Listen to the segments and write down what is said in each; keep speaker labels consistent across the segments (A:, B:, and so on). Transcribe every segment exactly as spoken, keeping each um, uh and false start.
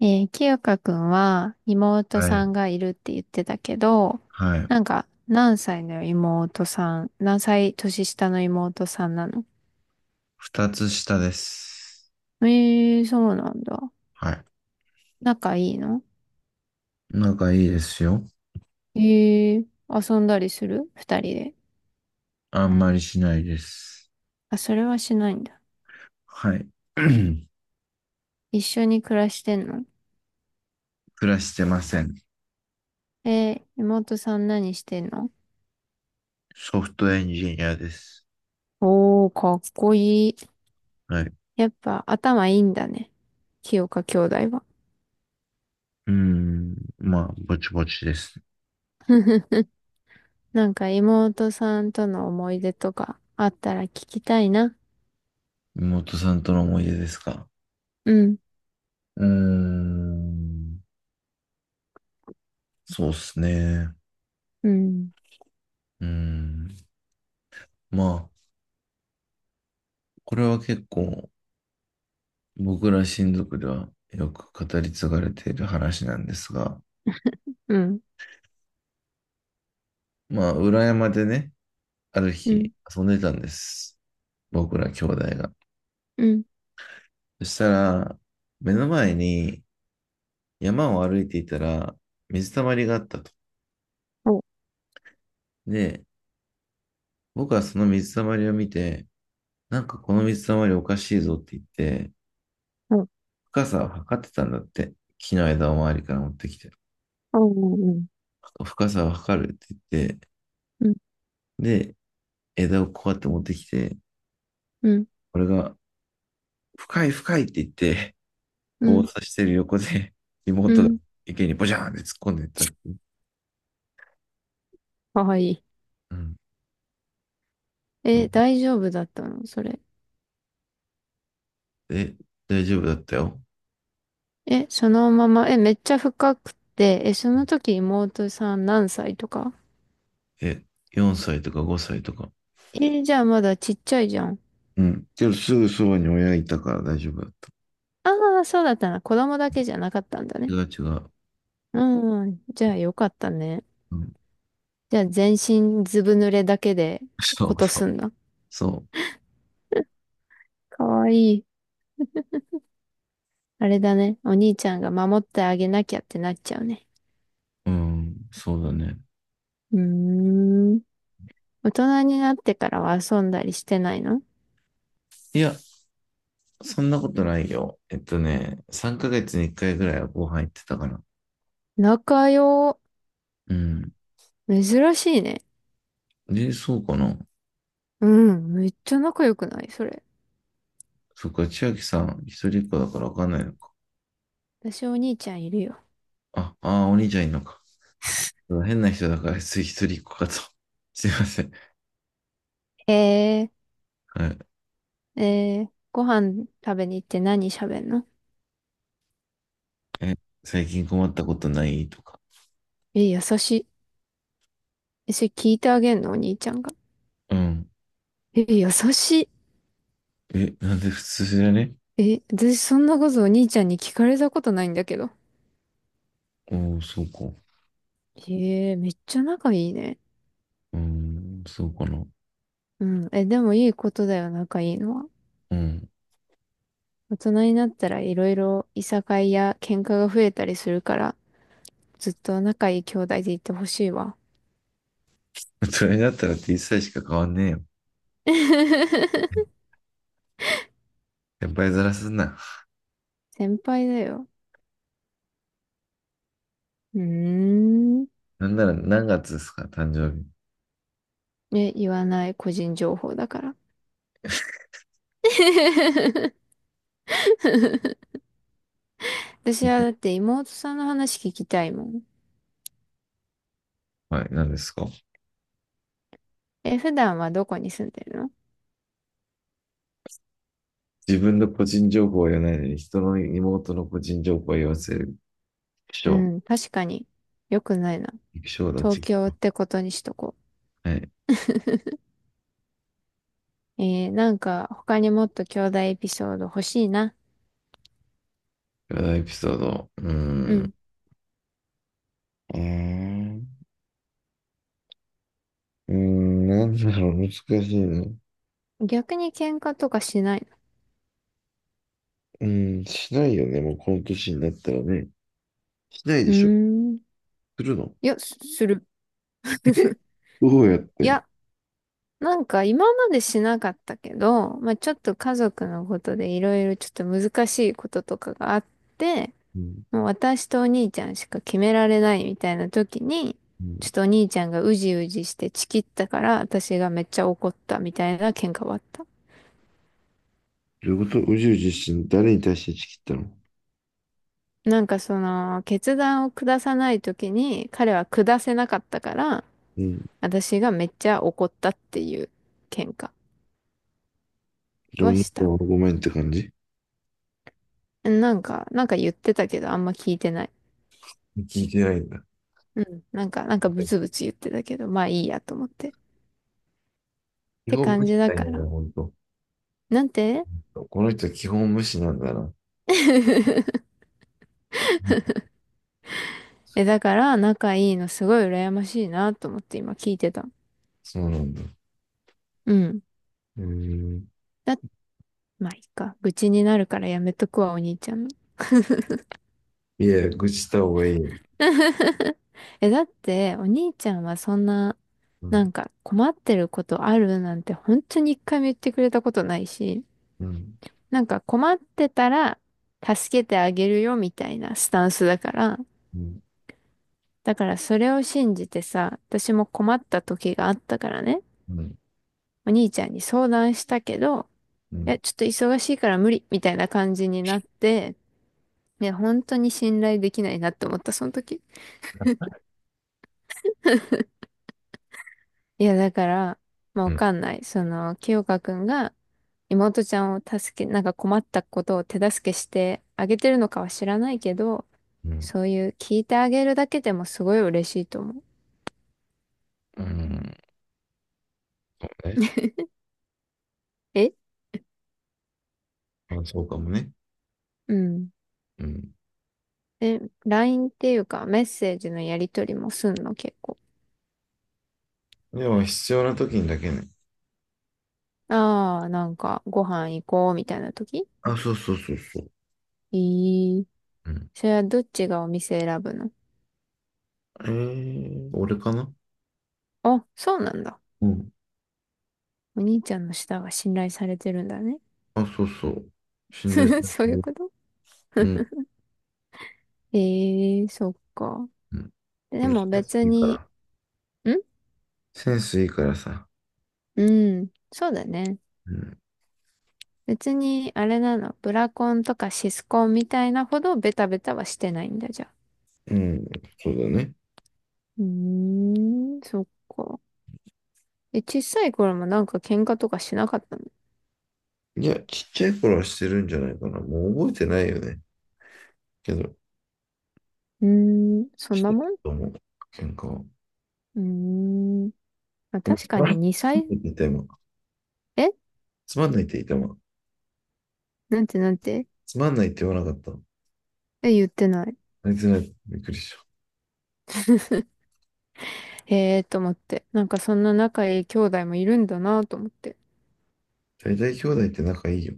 A: えー、清香くんは妹
B: は
A: さ
B: い。
A: んがいるって言ってたけど、
B: はい。
A: なんか何歳の妹さん、何歳年下の妹さんなの？
B: 二つ下です。
A: えー、そうなんだ。
B: はい。
A: 仲いいの？
B: 仲いいですよ。
A: えー、遊んだりする二人で。
B: あんまりしないです。
A: あ、それはしないんだ。
B: はい。
A: 一緒に暮らしてんの？
B: 暮らしてません。
A: えー、妹さん何してんの？
B: ソフトエンジニアです。
A: おー、かっこいい。
B: はい。う
A: やっぱ頭いいんだね。清香兄弟は。
B: ーん。まあ、ぼちぼちです。
A: なんか妹さんとの思い出とかあったら聞きたいな。
B: 妹さんとの思い出ですか？
A: うん、
B: うーん。そうっすね。
A: うん、
B: うーん。まあ、これは結構僕ら親族ではよく語り継がれている話なんですが、
A: うん、
B: まあ、裏山でね、ある
A: うん、
B: 日、遊んでたんです。僕ら兄弟が。
A: うん。
B: そしたら、目の前に山を歩いていたら、水たまりがあったと。
A: お、
B: で、僕はその水たまりを見て、なんかこの水たまりおかしいぞって言って、
A: お、
B: 深さを測ってたんだって。木の枝を周りから持ってきて。
A: お、うん、
B: 深さを測るって言って、
A: うん、
B: で、枝をこうやって持ってきて、
A: うん、
B: 俺が、深い深いって言って、
A: う
B: 棒を
A: ん、
B: 刺してる横で、
A: う
B: 妹が
A: ん。
B: 池にボジャーンって突っ込んでいったっていう。
A: かわいい。
B: うん。そ
A: え、
B: う。
A: 大丈夫だったのそれ？
B: え、大丈夫だったよ。
A: え、そのまま、え、めっちゃ深くて、え、その時妹さん何歳とか？
B: え、よんさいとかごさいとか。
A: え、じゃあまだちっちゃいじゃん。
B: うん。けどすぐそばに親いたから大丈夫だった。
A: ああ、そうだったな。子供だけじゃなかったんだ
B: 違
A: ね。
B: う違う。
A: うん、じゃあよかったね。
B: うん。
A: じゃあ全身ずぶ濡れだけで
B: そ
A: こ
B: う
A: と
B: そ
A: す
B: う。
A: んだ。
B: そ
A: かわいい。あれだね。お兄ちゃんが守ってあげなきゃってなっちゃうね。
B: う。うん。そうだね。
A: うーん。大人になってからは遊んだりしてないの？
B: いや、そんなことないよ。えっとね、さんかげつにいっかいぐらいはご飯行ってたから。
A: 仲良。
B: うん。
A: 珍しいね。
B: で、そうかな。
A: うん。めっちゃ仲良くないそれ？
B: そっか、千秋さん、一人っ子だからわかんないのか。
A: 私お兄ちゃんいるよ。
B: あ、ああ、お兄ちゃんいるのか。変な人だから、つい一人っ子かと。すいません。
A: え
B: はい。
A: ー、えー、ご飯食べに行って何喋んの？
B: え、最近困ったことないとか。
A: え、優しい。え、それ聞いてあげんのお兄ちゃんが？
B: うん。
A: え、優し
B: え、なんで普通じゃね？
A: い。え、私そんなことお兄ちゃんに聞かれたことないんだけど。
B: おー、そうか。
A: えー、めっちゃ仲いいね。
B: うーん、そうかな。
A: うん。え、でもいいことだよ、仲いいのは。
B: うん。
A: 大人になったらいろいろいさかいや喧嘩が増えたりするから、ずっと仲いい兄弟でいてほしいわ。
B: そになったら T 歳しか変わんねえよ。先輩ずらすな。
A: 先輩だよ。うーん。
B: なんなら何月ですか誕生日？
A: え、言わない個人情報だから。私はだっ て妹さんの話聞きたいもん。
B: はい、何ですか？
A: え、普段はどこに住んでるの？
B: 自分の個人情報は言わないのに、人の妹の個人情報は言わせる。気
A: う
B: 象。
A: ん、確かに。よくないな。
B: 気象だ、
A: 東
B: 気
A: 京
B: 象。
A: ってことにしとこ
B: はい。
A: う。えー、なんか他にもっと兄弟エピソード欲しいな。
B: このエピソード。うー
A: う
B: ん。
A: ん。
B: うーん。うーん、なんだろう、難しいな。う
A: 逆に喧嘩とかしない
B: ーん、しないよね、もうこの年になったらね。しないで
A: の？う
B: しょ。
A: ーん。
B: するの？
A: いや、すする。
B: え、 どうやっ
A: い
B: て、
A: や、なんか今までしなかったけど、まあちょっと家族のことでいろいろちょっと難しいこととかがあって、
B: うん。
A: もう私とお兄ちゃんしか決められないみたいな時に、
B: う
A: ちょっ
B: ん。
A: とお兄ちゃんがうじうじしてチキったから私がめっちゃ怒ったみたいな喧嘩はあった。
B: どういうこと宇宙自身、誰に対して打ち切ったの？
A: なんかその決断を下さない時に彼は下せなかったから、
B: うん。
A: 私がめっちゃ怒ったっていう喧嘩
B: 情
A: は
B: 熱
A: した。
B: はごめんって感じ。
A: なんか、なんか言ってたけど、あんま聞いてない。
B: 聞いてないんだ。
A: うん。なんか、なんかブツブツ言ってたけど、まあいいやと思って。っ
B: 基
A: て
B: 本
A: 感
B: 無視
A: じだ
B: なん
A: か
B: だよね
A: ら。
B: ほんと。
A: なんて
B: この人は基本無視なんだな。
A: え、だから、仲いいのすごい羨ましいなと思って今聞いてた。
B: そうなんだ。
A: うん。
B: うーん。
A: だ、まあいいか。愚痴になるからやめとくわ、お兄ちゃんの。
B: いや、愚痴した方がいいよ。
A: え、だって、お兄ちゃんはそんな、
B: う
A: な
B: ん。
A: んか困ってることあるなんて本当に一回も言ってくれたことないし、
B: うん。
A: なんか困ってたら助けてあげるよみたいなスタンスだから、
B: うん。
A: だからそれを信じてさ、私も困った時があったからね、
B: うん。
A: お兄ちゃんに相談したけど、
B: う
A: いや、
B: ん。
A: ちょっと忙しいから無理みたいな感じになって、いや、本当に信頼できないなって思った、その時。いや、だから、まあ、
B: う
A: わ
B: ん。
A: かんない。その、清香くんが妹ちゃんを助け、なんか困ったことを手助けしてあげてるのかは知らないけど、
B: うん。
A: そういう聞いてあげるだけでもすごい嬉しいと思う。
B: うん。え、
A: え
B: まあ、そうかもね。
A: うん。
B: うん。
A: え、ライン っていうかメッセージのやりとりもすんの結構？
B: でも、必要な時にだけね。
A: ああ、なんかご飯行こうみたいな時？
B: あ、そうそうそうそう。
A: えー、
B: うん。
A: それはどっちがお店選ぶの？
B: えー、俺かな？
A: あ、そうなんだ。
B: うん。
A: お兄ちゃんの舌が信頼されてるんだね。
B: あ、そうそう。心霊さ
A: そう
B: れ
A: いう
B: る。
A: こと？
B: うん。
A: ええー、そっか。
B: うん。
A: で
B: 俺セ
A: も
B: ンス
A: 別
B: いいか
A: に、
B: ら。
A: ん、
B: センスいいからさ。
A: うん、そうだね。
B: うん。
A: 別に、あれなの、ブラコンとかシスコンみたいなほどベタベタはしてないんだじゃあ。
B: うん。そうだね。
A: うーん、そっか。え、小さい頃もなんか喧嘩とかしなかったの？
B: いや、ちっちゃい頃はしてるんじゃないかな。もう覚えてないよね。けど、
A: うーん、そん
B: し
A: な
B: てた
A: もん？
B: と思う。喧嘩は。
A: うーん。まあ、
B: でも
A: 確
B: つ
A: か
B: まんな
A: に
B: いつ
A: 2
B: まん
A: 歳、
B: ないって言った今。
A: え
B: つまんないって言った今。
A: なんて？なんて？
B: つまんないって言わなかった。
A: え、言ってない。
B: あいつら、びっくりした。
A: へえーと思って。なんかそんな仲いい兄弟もいるんだなと思って。
B: 大体兄弟って仲いいよ。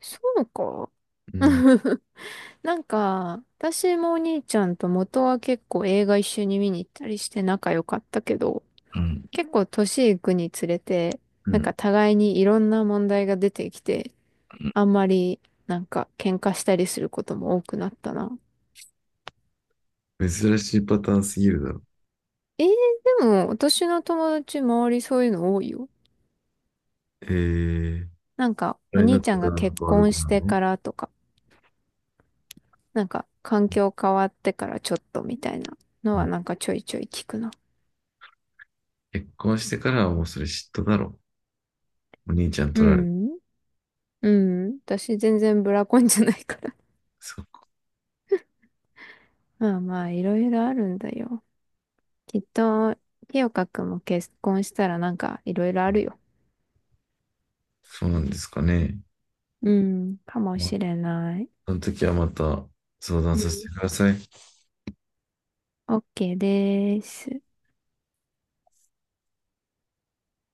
A: そうか。
B: うん。
A: なんか、私もお兄ちゃんと元は結構映画一緒に見に行ったりして仲良かったけど、
B: うん。
A: 結構年いくにつれて、
B: う
A: なんか
B: ん。
A: 互いにいろんな問題が出てきて、あんまりなんか喧嘩したりすることも多くなったな。
B: 珍しいパターンすぎるだろ。
A: えー、でも私の友達周りそういうの多いよ。
B: えー、
A: なんか
B: あ
A: お
B: れになっ
A: 兄ちゃ
B: て
A: ん
B: か
A: が
B: らなんか
A: 結
B: 悪
A: 婚
B: く
A: し
B: な
A: て
B: るの？
A: からとか、なんか環
B: うん。
A: 境変わってからちょっとみたいなのはなんかちょいちょい聞くな。
B: 結婚してからはもうそれ嫉妬だろ。お兄ちゃん
A: う
B: 取られて。
A: ん。うん。私全然ブラコンじゃないから。
B: そうか。
A: まあまあいろいろあるんだよ。きっと、清香くんも結婚したらなんかいろいろあるよ。
B: そうなんですかね。
A: うん、かも
B: まあ、
A: しれない。
B: その時はまた相談
A: うん。
B: させてください。
A: OK です。